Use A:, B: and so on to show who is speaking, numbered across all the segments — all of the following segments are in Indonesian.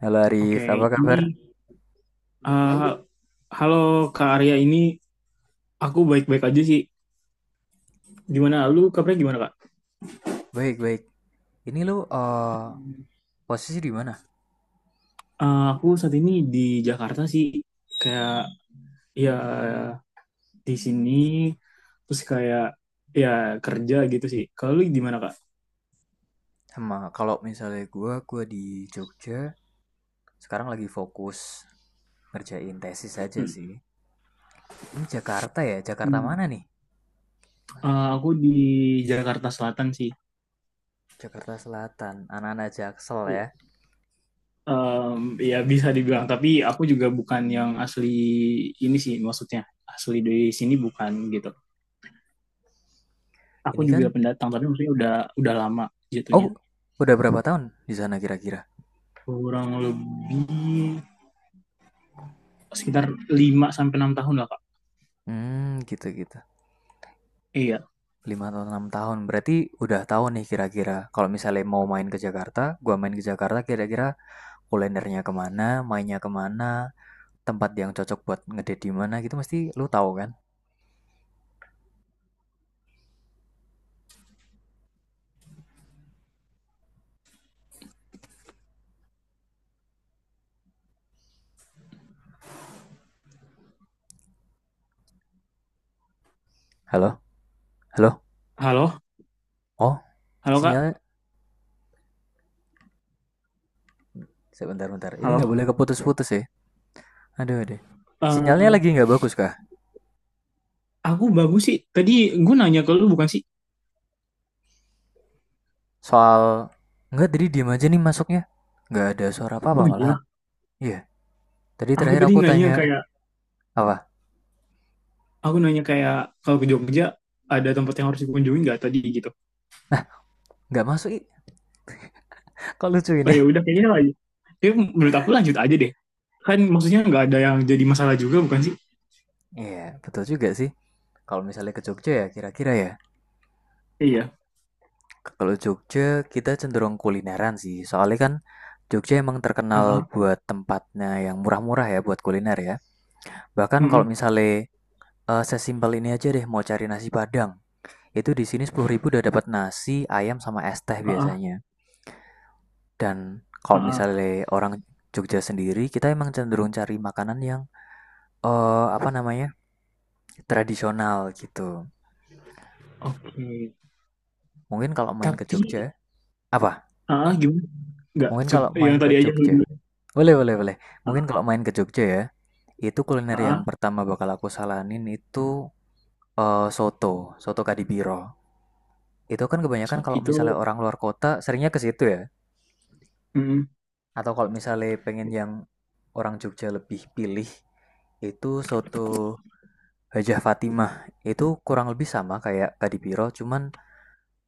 A: Halo Arif,
B: Oke,
A: apa
B: ini
A: kabar?
B: eh halo Kak Arya ini aku baik-baik aja sih. Gimana lu kabarnya gimana Kak?
A: Baik, baik. Ini lu posisi di mana?
B: Aku saat ini di Jakarta sih kayak ya di sini terus kayak ya kerja gitu sih. Kalau lu gimana Kak?
A: Sama kalau misalnya gua di Jogja, sekarang lagi fokus ngerjain tesis aja sih. Ini Jakarta ya, Jakarta
B: Hmm.
A: mana nih?
B: Aku di Jakarta Selatan sih.
A: Jakarta Selatan, anak-anak Jaksel ya.
B: Em, ya bisa dibilang tapi aku juga bukan yang asli ini sih maksudnya asli dari sini bukan gitu. Aku
A: Ini
B: juga
A: kan,
B: pendatang tapi maksudnya udah lama
A: oh,
B: jatuhnya.
A: udah berapa tahun di sana kira-kira?
B: Kurang lebih sekitar 5 sampai 6 tahun lah, Kak.
A: Hmm, gitu-gitu.
B: Iya.
A: 5 atau 6 tahun. Berarti udah tahu nih kira-kira. Kalau misalnya mau main ke Jakarta, gua main ke Jakarta kira-kira kulinernya kemana, mainnya kemana, tempat yang cocok buat ngedate di mana gitu mesti lu tahu kan? Halo? Halo?
B: Halo?
A: Oh,
B: Halo, Kak?
A: sinyalnya sebentar bentar. Ini nggak
B: Halo?
A: boleh keputus-putus ya. Aduh aduh. Sinyalnya lagi
B: Eh,
A: nggak bagus kah?
B: aku bagus sih. Tadi gue nanya ke lu bukan sih?
A: Soal nggak tadi diam aja nih masuknya. Nggak ada suara apa-apa
B: Oh,
A: malahan.
B: iya.
A: Iya, tadi
B: Aku
A: terakhir
B: tadi
A: aku
B: nanya
A: tanya
B: kayak
A: apa?
B: aku nanya kayak kalau ke Jogja ada tempat yang harus dikunjungi nggak tadi gitu.
A: Nggak masuk. Ih. Kok lucu
B: Oh,
A: ini?
B: ya udah kayaknya lagi. Ya, menurut aku lanjut aja deh. Kan maksudnya nggak ada yang jadi masalah juga bukan sih?
A: Iya, yeah, betul juga sih. Kalau misalnya ke Jogja ya, kira-kira ya.
B: Iya.
A: Kalau Jogja, kita cenderung kulineran sih. Soalnya kan Jogja emang terkenal
B: Heeh.
A: buat tempatnya yang murah-murah ya buat kuliner ya. Bahkan kalau
B: Mm-mm.
A: misalnya sesimpel ini aja deh mau cari nasi Padang, itu di sini 10.000 udah dapat nasi, ayam sama es teh
B: Heeh.
A: biasanya. Dan kalau
B: Heeh.
A: misalnya orang Jogja sendiri, kita emang cenderung cari makanan yang apa namanya? Tradisional gitu.
B: Oke.
A: Mungkin kalau main ke
B: Tapi,
A: Jogja, apa?
B: ah, gimana? Nggak,
A: Mungkin
B: coba
A: kalau
B: yang
A: main ke
B: tadi aja lu
A: Jogja.
B: dulu.
A: Boleh, boleh, boleh. Mungkin kalau main ke Jogja ya, itu kuliner yang pertama bakal aku saranin itu soto Kadipiro. Itu kan kebanyakan
B: So,
A: kalau
B: itu,
A: misalnya orang luar kota seringnya ke situ ya.
B: mm,
A: Atau kalau misalnya pengen yang orang Jogja lebih pilih, itu soto Hajah Fatimah. Itu kurang lebih sama kayak Kadipiro, cuman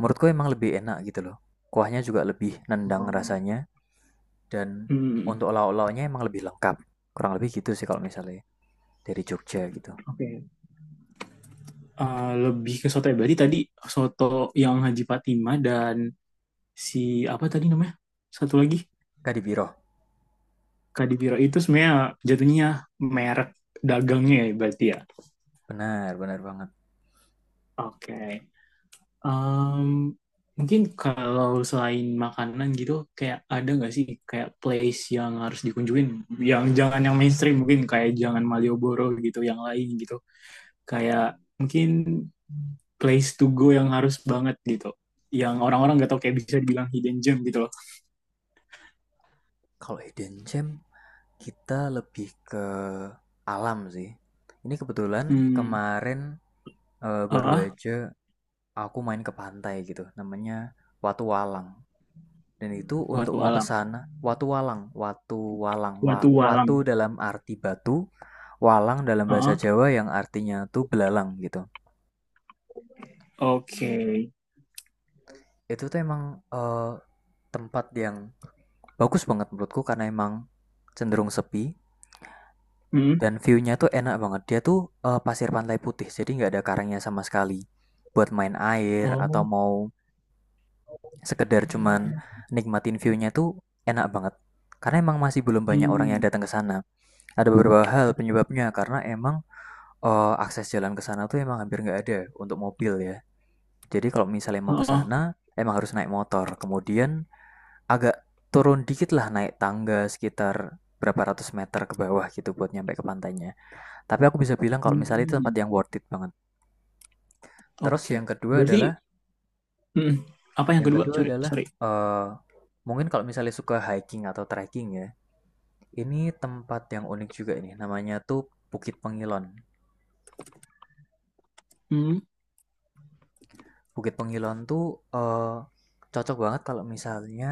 A: menurutku emang lebih enak gitu loh. Kuahnya juga lebih nendang
B: oh,
A: rasanya, dan
B: mm,
A: untuk lauk-lauknya emang lebih lengkap. Kurang lebih gitu sih kalau misalnya dari Jogja gitu.
B: oke. Ah, lebih ke soto ya. Berarti tadi soto yang Haji Fatima dan si apa tadi namanya? Satu lagi
A: Kadipiro.
B: Kadipiro itu sebenarnya jatuhnya merek dagangnya ya berarti ya.
A: Benar, benar banget.
B: Oke. Em, mungkin kalau selain makanan gitu kayak ada nggak sih kayak place yang harus dikunjungin yang jangan yang mainstream mungkin kayak jangan Malioboro gitu yang lain gitu kayak mungkin place to go yang harus banget gitu yang orang-orang nggak tahu kayak bisa dibilang hidden gem gitu loh.
A: Kalau hidden gem, kita lebih ke alam sih. Ini kebetulan
B: Hmm.
A: kemarin baru
B: Ah,
A: aja aku main ke pantai gitu. Namanya Watu Walang. Dan itu untuk
B: watu
A: mau ke
B: alam,
A: sana, Watu Walang, Watu Walang,
B: watu
A: wa-
B: alam.
A: Watu dalam arti batu, Walang dalam bahasa
B: Ah, oke.
A: Jawa yang artinya tuh belalang gitu.
B: Okay.
A: Itu tuh emang tempat yang bagus banget menurutku karena emang cenderung sepi.
B: Hmm.
A: Dan view-nya tuh enak banget. Dia tuh pasir pantai putih, jadi nggak ada karangnya sama sekali. Buat main air atau
B: Oh.
A: mau sekedar cuman nikmatin view-nya tuh enak banget. Karena emang masih belum banyak orang yang
B: Hmm.
A: datang ke sana. Ada beberapa hal penyebabnya karena emang akses jalan ke sana tuh emang hampir nggak ada untuk mobil ya. Jadi kalau misalnya mau ke
B: Ah.
A: sana emang harus naik motor. Kemudian agak turun dikit lah naik tangga sekitar berapa ratus meter ke bawah gitu buat nyampe ke pantainya. Tapi aku bisa bilang kalau misalnya itu tempat
B: Hmm.
A: yang worth it banget.
B: Oke.
A: Terus
B: Okay.
A: yang kedua
B: Berarti,
A: adalah,
B: hmm apa yang
A: yang
B: kedua?
A: kedua
B: Sorry,
A: adalah
B: sorry.
A: eh mungkin kalau misalnya suka hiking atau trekking ya, ini tempat yang unik juga ini. Namanya tuh Bukit Pengilon.
B: Hmm.
A: Bukit Pengilon tuh eh cocok banget kalau misalnya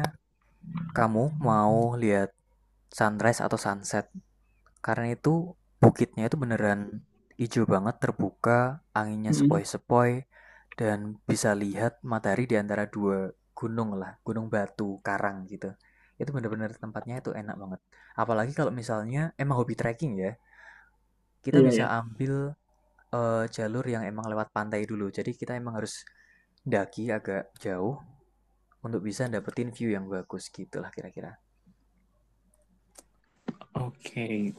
A: kamu mau lihat sunrise atau sunset. Karena itu bukitnya itu beneran hijau banget, terbuka, anginnya
B: Hmm.
A: sepoi-sepoi, dan bisa lihat matahari di antara dua gunung lah, gunung batu, karang gitu. Itu bener-bener tempatnya itu enak banget. Apalagi kalau misalnya emang hobi trekking ya, kita
B: Iya,
A: bisa
B: ya,
A: ambil jalur yang emang lewat pantai dulu. Jadi kita emang harus daki agak jauh untuk bisa dapetin view yang bagus gitu lah kira-kira.
B: oke. Okay.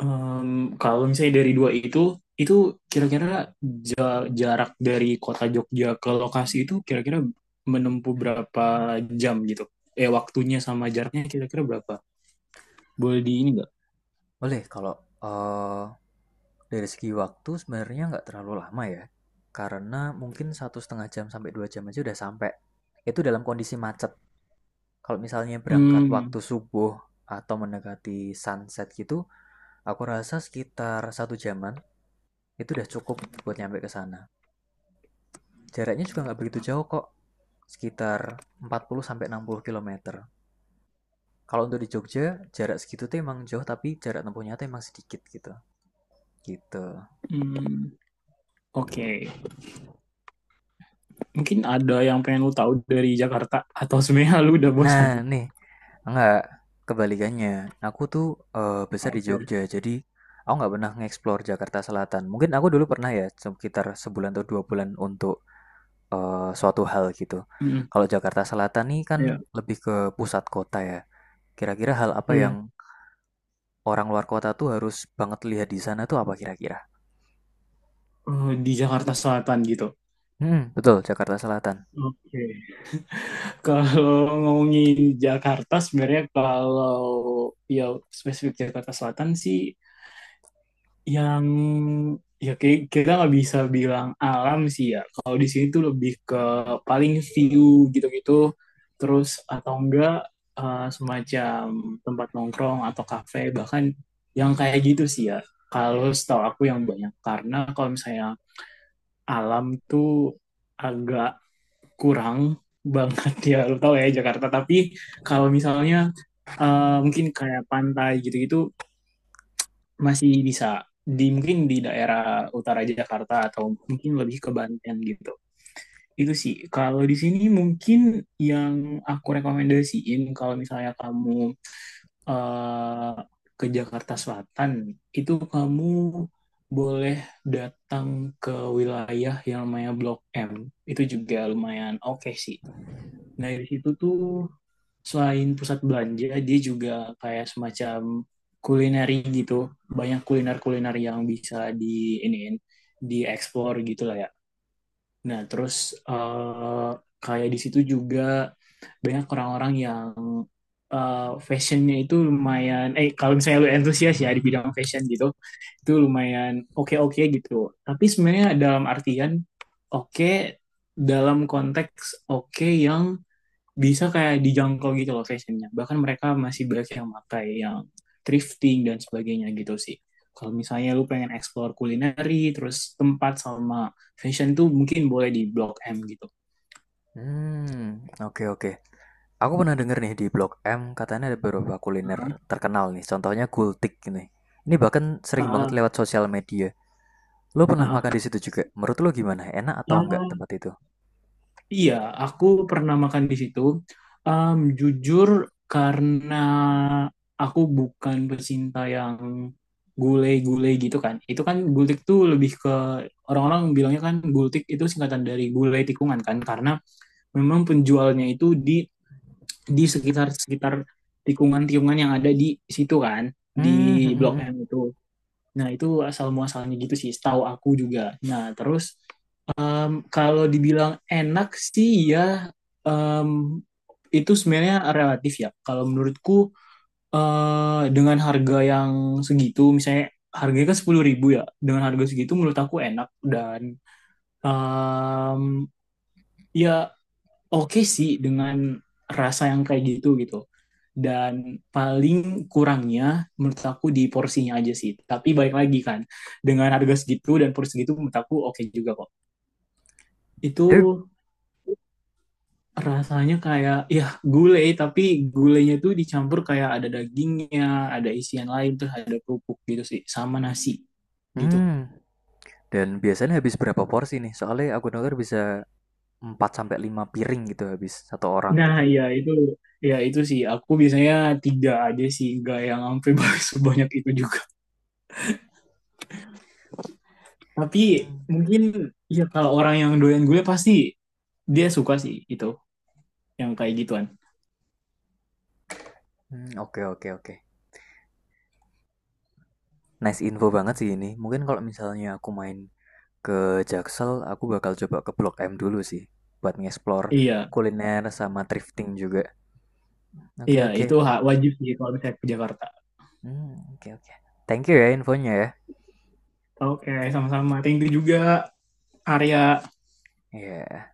B: Em, kalau misalnya dari dua itu kira-kira jarak dari kota Jogja ke lokasi itu kira-kira menempuh berapa jam gitu? Waktunya sama jaraknya kira-kira berapa? Boleh di ini nggak?
A: Boleh kalau eh, Dari segi waktu sebenarnya nggak terlalu lama ya, karena mungkin 1,5 jam sampai 2 jam aja udah sampai. Itu dalam kondisi macet. Kalau misalnya berangkat
B: Hmm,
A: waktu subuh atau mendekati sunset gitu, aku rasa sekitar satu jaman itu udah cukup buat nyampe ke sana. Jaraknya juga nggak begitu jauh kok, sekitar 40 sampai 60 kilometer. Kalau untuk di Jogja, jarak segitu tuh emang jauh tapi jarak tempuhnya tuh emang sedikit gitu. Gitu.
B: hmm, oke. Mungkin ada yang pengen lu tahu dari Jakarta atau sebenarnya lu udah
A: Nah,
B: bosan?
A: nih, enggak, kebalikannya. Aku tuh besar di
B: Oke.
A: Jogja, jadi aku nggak pernah nge-explore Jakarta Selatan. Mungkin aku dulu pernah ya, sekitar sebulan atau 2 bulan untuk suatu hal gitu.
B: Hmm,
A: Kalau Jakarta Selatan nih kan
B: iya,
A: lebih ke pusat kota ya. Kira-kira hal apa yang
B: iya.
A: orang luar kota tuh harus banget lihat di sana tuh apa kira-kira?
B: Di Jakarta Selatan gitu.
A: Hmm, betul, Jakarta Selatan.
B: Oke. Kalau ngomongin Jakarta sebenarnya kalau ya spesifik Jakarta Selatan sih yang ya kayak kita nggak bisa bilang alam sih ya. Kalau di sini tuh lebih ke paling view gitu-gitu terus atau enggak semacam tempat nongkrong atau kafe bahkan yang kayak gitu sih ya. Kalau setahu aku yang banyak karena kalau misalnya alam tuh agak kurang banget ya lo tau ya Jakarta, tapi kalau misalnya mungkin kayak pantai gitu-gitu masih bisa di mungkin di daerah utara Jakarta atau mungkin lebih ke Banten gitu, itu sih kalau di sini mungkin yang aku rekomendasiin kalau misalnya kamu eh, ke Jakarta Selatan itu kamu boleh datang ke wilayah yang namanya Blok M, itu juga lumayan oke sih. Nah, di situ tuh selain pusat belanja, dia juga kayak semacam kulineri gitu. Banyak kuliner-kuliner yang bisa di ini dieksplor gitu lah ya. Nah, terus eh, kayak di situ juga banyak orang-orang yang fashionnya itu lumayan, kalau misalnya lu antusias ya di bidang fashion gitu, itu lumayan oke-oke gitu. Tapi sebenarnya dalam artian oke, dalam konteks oke yang bisa kayak dijangkau gitu loh fashionnya. Bahkan mereka masih banyak yang pakai yang thrifting dan sebagainya gitu sih. Kalau misalnya lu pengen explore kulineri, terus tempat sama fashion tuh mungkin boleh di Blok M gitu.
A: Hmm, oke oke. Aku pernah denger nih di Blog M katanya ada beberapa kuliner terkenal nih, contohnya gultik ini. Ini bahkan sering banget
B: Heeh,
A: lewat sosial media. Lo pernah
B: heeh,
A: makan di situ juga? Menurut lo gimana? Enak atau enggak
B: heeh.
A: tempat itu?
B: Iya, aku pernah makan di situ. Jujur, karena aku bukan pecinta yang gulai-gulai gitu kan. Itu kan gultik tuh lebih ke orang-orang bilangnya kan gultik itu singkatan dari gulai tikungan kan, karena memang penjualnya itu di sekitar-sekitar tikungan-tikungan yang ada di situ kan,
A: Hmm, hmm,
B: di
A: hmm,
B: Blok
A: hmm.
B: M itu. Nah, itu asal muasalnya gitu sih, setahu aku juga. Nah, terus kalau dibilang enak sih ya em, itu sebenarnya relatif ya. Kalau menurutku dengan harga yang segitu, misalnya harganya kan 10 ribu ya, dengan harga segitu menurut aku enak dan em, ya oke sih dengan rasa yang kayak gitu gitu. Dan paling kurangnya menurut aku di porsinya aja sih. Tapi balik lagi kan, dengan harga segitu dan porsi segitu menurut aku oke juga kok. Itu
A: Tapi,
B: rasanya kayak ya gulai tapi gulainya tuh dicampur kayak ada dagingnya, ada isian lain terus ada kerupuk gitu sih sama nasi gitu.
A: hmm. Dan biasanya habis berapa porsi nih? Soalnya aku denger bisa 4 sampai 5 piring gitu habis satu orang
B: Nah,
A: gitu.
B: iya itu ya itu sih aku biasanya tiga aja sih, gak yang sampai sebanyak itu juga. Tapi
A: Hmm,
B: mungkin ya kalau orang yang doyan gulai pasti dia suka sih itu yang kayak gituan.
A: hmm, oke, oke, oke. Nice info banget sih ini. Mungkin kalau misalnya aku main ke Jaksel aku bakal coba ke Blok M dulu sih buat ngeksplor
B: Iya,
A: kuliner sama thrifting juga.
B: iya
A: Oke
B: itu
A: oke.
B: hak wajib sih kalau misalnya ke Jakarta.
A: Hmm, oke oke. Thank you ya infonya ya.
B: Oke, sama-sama. Thank you juga Arya.
A: Iya. Yeah.